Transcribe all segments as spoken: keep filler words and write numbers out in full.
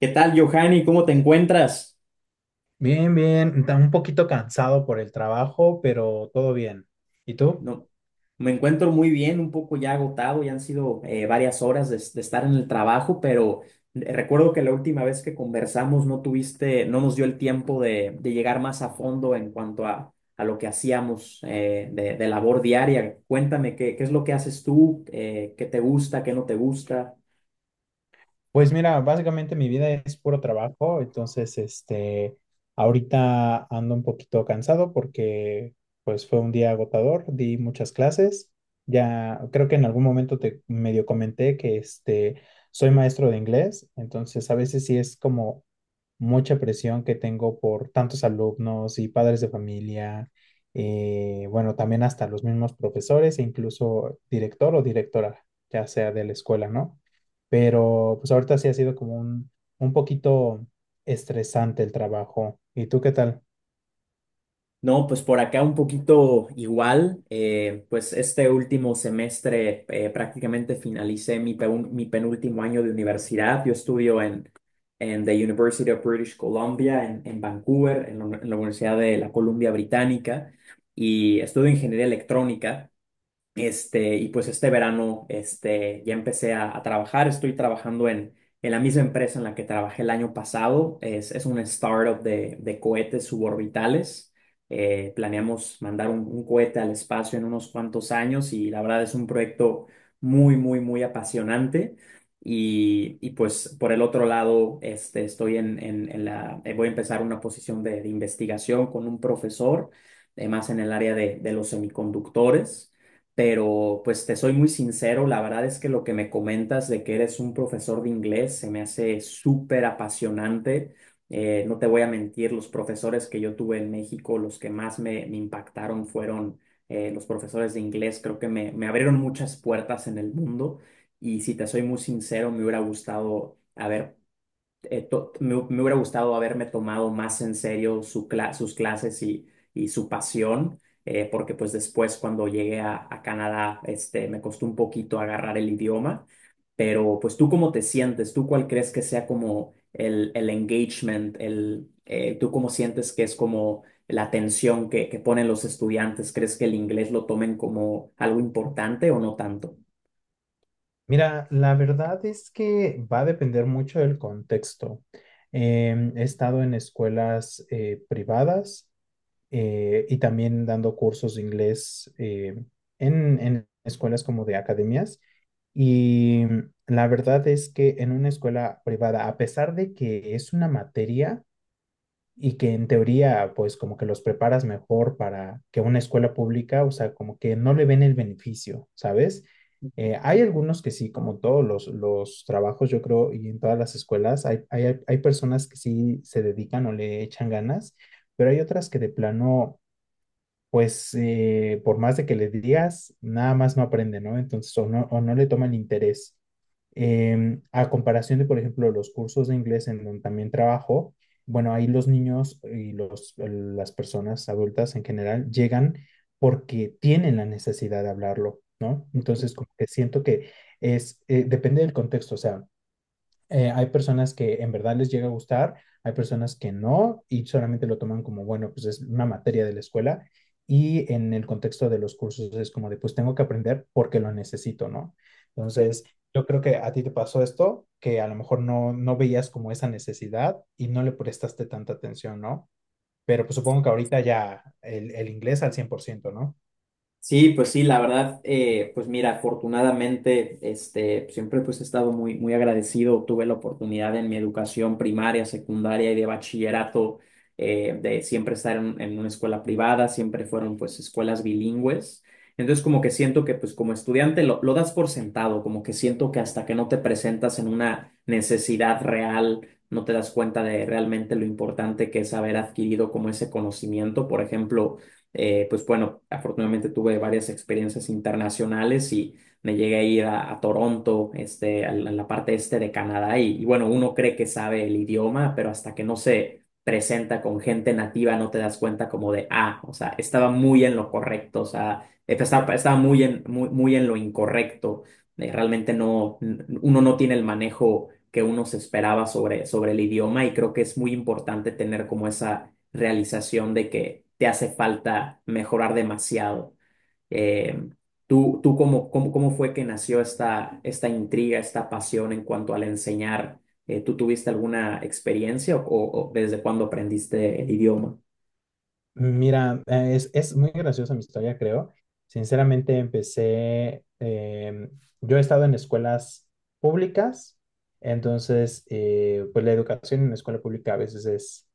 ¿Qué tal, Johanny? ¿Cómo te encuentras? Bien, bien, ta- un poquito cansado por el trabajo, pero todo bien. ¿Y tú? No, me encuentro muy bien, un poco ya agotado, ya han sido eh, varias horas de, de estar en el trabajo, pero recuerdo que la última vez que conversamos no tuviste, no nos dio el tiempo de, de llegar más a fondo en cuanto a, a lo que hacíamos eh, de, de labor diaria. Cuéntame, ¿qué, qué es lo que haces tú? Eh, ¿qué te gusta? ¿Qué no te gusta? Pues mira, básicamente mi vida es puro trabajo, entonces este, ahorita ando un poquito cansado porque pues fue un día agotador, di muchas clases. Ya creo que en algún momento te medio comenté que este, soy maestro de inglés, entonces a veces sí es como mucha presión que tengo por tantos alumnos y padres de familia. Eh, bueno, también hasta los mismos profesores e incluso director o directora, ya sea de la escuela, ¿no? Pero pues ahorita sí ha sido como un, un poquito estresante el trabajo. ¿Y tú qué tal? No, pues por acá un poquito igual. eh, pues este último semestre eh, prácticamente finalicé mi, peun- mi penúltimo año de universidad. Yo estudio en, en the University of British Columbia, en, en Vancouver, en la, en la Universidad de la Columbia Británica, y estudio ingeniería electrónica. Este, y pues este verano este, ya empecé a, a trabajar, estoy trabajando en, en la misma empresa en la que trabajé el año pasado, es, es una startup de, de cohetes suborbitales. Eh, planeamos mandar un, un cohete al espacio en unos cuantos años, y la verdad es un proyecto muy, muy, muy apasionante. Y, y pues por el otro lado, este, estoy en, en, en la, eh, voy a empezar una posición de, de investigación con un profesor, eh, más en el área de de los semiconductores, pero pues te soy muy sincero, la verdad es que lo que me comentas de que eres un profesor de inglés se me hace súper apasionante. Eh, no te voy a mentir, los profesores que yo tuve en México, los que más me, me impactaron fueron eh, los profesores de inglés. Creo que me, me abrieron muchas puertas en el mundo, y si te soy muy sincero, me hubiera gustado haber eh, to- me, hu- me hubiera gustado haberme tomado más en serio su cla- sus clases y, y su pasión, eh, porque pues después cuando llegué a, a Canadá, este, me costó un poquito agarrar el idioma, pero pues tú cómo te sientes, tú cuál crees que sea como el, el engagement, el, eh, tú cómo sientes que es como la atención que, que ponen los estudiantes, ¿crees que el inglés lo tomen como algo importante o no tanto? Mira, la verdad es que va a depender mucho del contexto. Em, he estado en escuelas eh, privadas, eh, y también dando cursos de inglés, eh, en, en escuelas como de academias. Y la verdad es que en una escuela privada, a pesar de que es una materia, y que en teoría, pues como que los preparas mejor para que una escuela pública, o sea, como que no le ven el beneficio, ¿sabes? Eh, hay algunos que sí, como todos los, los trabajos, yo creo, y en todas las escuelas, hay, hay, hay personas que sí se dedican o le echan ganas, pero hay otras que de plano pues eh, por más de que le digas, nada más no aprende, ¿no? Entonces, o no, o no le toman interés. Em, a comparación de, por ejemplo, los cursos de inglés en donde también trabajo, bueno, ahí los niños y los, las personas adultas en general llegan porque tienen la necesidad de hablarlo, ¿no? Entonces, como que siento que es, eh, depende del contexto, o sea, eh, hay personas que en verdad les llega a gustar, hay personas que no y solamente lo toman como, bueno, pues es una materia de la escuela, y en el contexto de los cursos es como de, pues tengo que aprender porque lo necesito, ¿no? Entonces, yo creo que a ti te pasó esto, que a lo mejor no, no veías como esa necesidad y no le prestaste tanta atención, ¿no? Pero pues supongo que ahorita ya el, el inglés al cien por ciento, ¿no? Sí, pues sí, la verdad, eh, pues mira, afortunadamente, este, siempre pues he estado muy, muy agradecido. Tuve la oportunidad en mi educación primaria, secundaria y de bachillerato, eh, de siempre estar en, en una escuela privada, siempre fueron pues escuelas bilingües. Entonces como que siento que pues como estudiante lo, lo das por sentado, como que siento que hasta que no te presentas en una necesidad real, no te das cuenta de realmente lo importante que es haber adquirido como ese conocimiento. Por ejemplo, eh, pues bueno, afortunadamente tuve varias experiencias internacionales y me llegué a ir a, a Toronto, este, a la, a la parte este de Canadá y, y bueno, uno cree que sabe el idioma, pero hasta que no se presenta con gente nativa no te das cuenta como de, ah, o sea, estaba muy en lo correcto, o sea, estaba, estaba muy en, muy, muy en lo incorrecto. Eh, realmente no, n- uno no tiene el manejo que uno se esperaba sobre, sobre el idioma, y creo que es muy importante tener como esa realización de que te hace falta mejorar demasiado. Eh, ¿tú, tú cómo, cómo, cómo fue que nació esta, esta intriga, esta pasión en cuanto al enseñar? Eh, ¿tú tuviste alguna experiencia o, o- o desde cuándo aprendiste el idioma? Mira, eh, es, es muy graciosa mi historia, creo. Sinceramente, empecé, em, yo he estado en escuelas públicas, entonces, eh, pues la educación en la escuela pública a veces es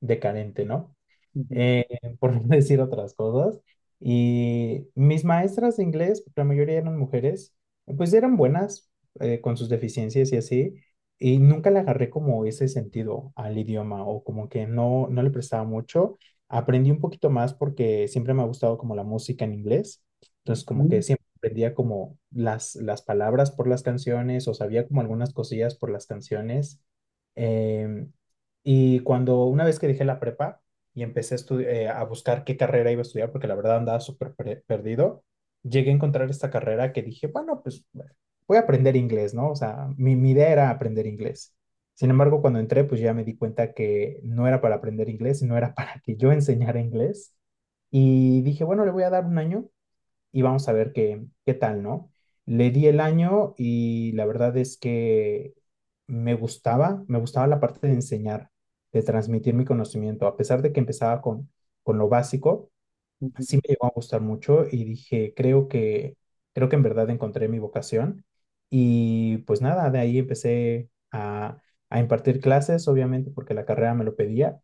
decadente, ¿no? Ujú, eh, por no decir otras cosas. Y mis maestras de inglés, la mayoría eran mujeres, pues eran buenas, eh, con sus deficiencias y así, y nunca le agarré como ese sentido al idioma o como que no, no le prestaba mucho. Aprendí un poquito más porque siempre me ha gustado como la música en inglés, entonces como que ujú, siempre aprendía como las, las palabras por las canciones o sabía como algunas cosillas por las canciones. Em, y cuando una vez que dejé la prepa, y empecé a, estu- eh, a buscar qué carrera iba a estudiar porque la verdad andaba súper per- perdido. Llegué a encontrar esta carrera que dije, bueno, pues voy a aprender inglés, ¿no? O sea, mi, mi idea era aprender inglés. Sin embargo, cuando entré, pues ya me di cuenta que no era para aprender inglés, sino era para que yo enseñara inglés. Y dije, bueno, le voy a dar un año y vamos a ver qué, qué tal, ¿no? Le di el año y la verdad es que me gustaba, me gustaba la parte de enseñar, de transmitir mi conocimiento, a pesar de que empezaba con, con lo básico, ujú. sí me llegó a gustar mucho y dije, creo que, creo que en verdad encontré mi vocación. Y pues nada, de ahí empecé a, a impartir clases, obviamente porque la carrera me lo pedía.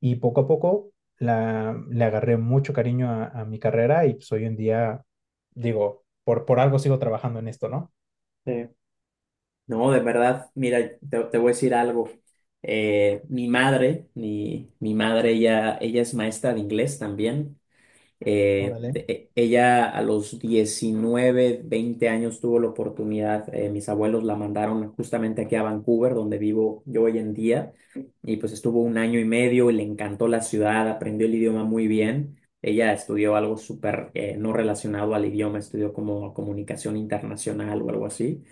Y poco a poco la, le agarré mucho cariño a, a mi carrera y pues hoy en día, digo, por, por algo sigo trabajando en esto, ¿no? Sí. No, de verdad, mira, te, te voy a decir algo. Eh, mi madre, mi, mi madre, ella, ella es maestra de inglés también. Eh, Órale. e- ella a los diecinueve veinte años tuvo la oportunidad, eh, mis abuelos la mandaron justamente aquí a Vancouver, donde vivo yo hoy en día, y pues estuvo un año y medio y le encantó la ciudad, aprendió el idioma muy bien. Ella estudió algo súper eh, no relacionado al idioma, estudió como comunicación internacional o algo así.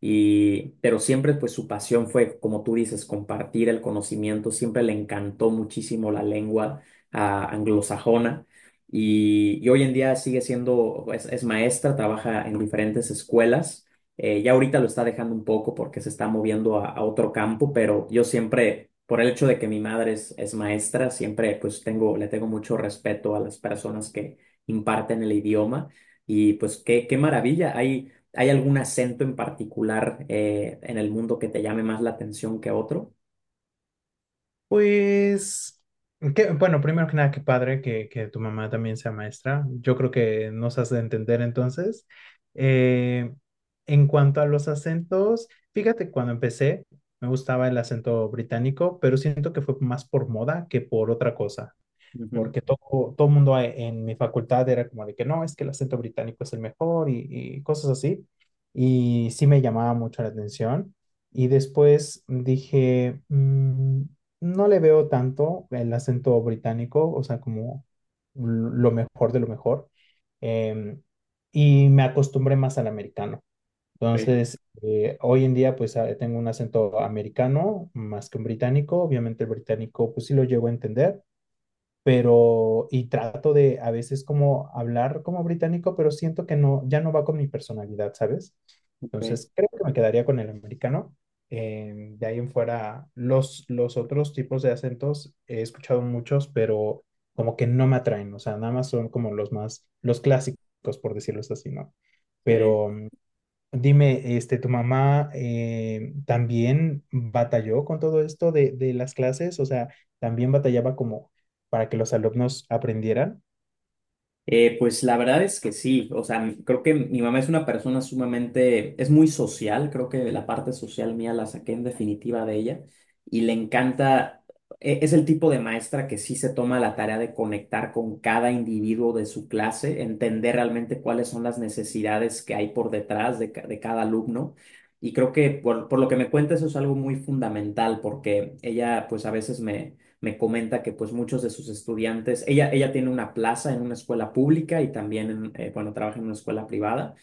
Y, pero siempre pues su pasión fue, como tú dices, compartir el conocimiento, siempre le encantó muchísimo la lengua, ah, anglosajona, y, y hoy en día sigue siendo, es, es maestra, trabaja en diferentes escuelas. Eh, ya ahorita lo está dejando un poco porque se está moviendo a, a otro campo, pero yo siempre, por el hecho de que mi madre es, es maestra, siempre pues tengo, le tengo mucho respeto a las personas que imparten el idioma. Y pues qué, qué maravilla. ¿Hay, hay algún acento en particular, eh, en el mundo que te llame más la atención que otro? Pues, qué- bueno, primero que nada, qué padre que, que tu mamá también sea maestra. Yo creo que nos has de entender entonces. Eh, en cuanto a los acentos, fíjate, cuando empecé me gustaba el acento británico, pero siento que fue más por moda que por otra cosa, Ujú, porque todo, todo mundo a- en mi facultad era como de que no, es que el acento británico es el mejor y, y cosas así. Y sí me llamaba mucho la atención. Y después dije, "Mm, no le veo tanto el acento británico, o sea, como lo mejor de lo mejor." Em, y me acostumbré más al americano. ok, Entonces, eh, hoy en día, pues ah, tengo un acento americano más que un británico. Obviamente, el británico, pues sí lo llego a entender, pero y trato de a veces como hablar como británico, pero siento que no, ya no va con mi personalidad, ¿sabes? ok, Entonces creo que me quedaría con el americano. Eh, de ahí en fuera, los, los otros tipos de acentos he escuchado muchos, pero como que no me atraen, o sea, nada más son como los más, los clásicos, por decirlo así, ¿no? sí. Pero dime, este, ¿tu mamá eh, también batalló con todo esto de, de las clases? O sea, ¿también batallaba como para que los alumnos aprendieran? Eh, pues la verdad es que sí, o sea, m- creo que mi mamá es una persona sumamente, es muy social, creo que la parte social mía la saqué en definitiva de ella y le encanta, e- es el tipo de maestra que sí se toma la tarea de conectar con cada individuo de su clase, entender realmente cuáles son las necesidades que hay por detrás de, ca- de cada alumno. Y creo que por, por lo que me cuenta eso es algo muy fundamental porque ella pues a veces me me comenta que pues muchos de sus estudiantes, ella, ella tiene una plaza en una escuela pública y también, en, eh, bueno, trabaja en una escuela privada.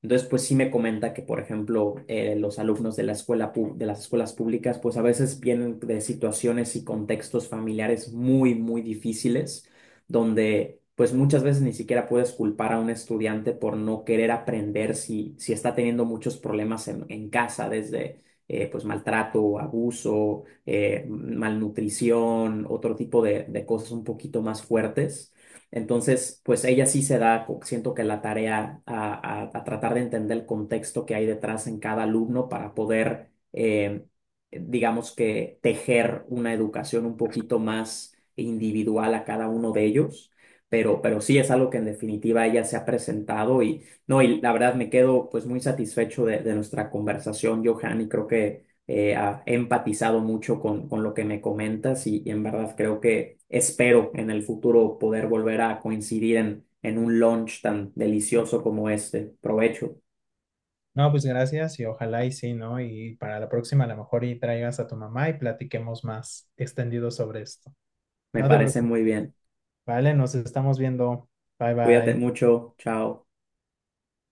Entonces, pues sí me comenta que, por ejemplo, eh, los alumnos de la escuela pu- de las escuelas públicas, pues a veces vienen de situaciones y contextos familiares muy, muy difíciles, donde pues muchas veces ni siquiera puedes culpar a un estudiante por no querer aprender si, si está teniendo muchos problemas en, en casa, desde eh, pues maltrato, abuso, eh, malnutrición, otro tipo de de cosas un poquito más fuertes. Entonces, pues ella sí se da, co- siento que la tarea a, a- a tratar de entender el contexto que hay detrás en cada alumno para poder, eh, digamos que, tejer una educación un poquito más individual a cada uno de ellos. Pero, pero sí es algo que en definitiva ella se ha presentado, y no, y la verdad me quedo pues muy satisfecho de, de nuestra conversación, Johan, y creo que eh, ha empatizado mucho con, con lo que me comentas, y, y en verdad creo que espero en el futuro poder volver a coincidir en, en un lunch tan delicioso como este. Provecho, No, pues gracias y ojalá y sí, ¿no? Y para la próxima a lo mejor y traigas a tu mamá y platiquemos más extendido sobre esto. me No te parece preocupes, muy bien. ¿vale? Nos estamos viendo. Bye Cuídate bye. mucho, chao.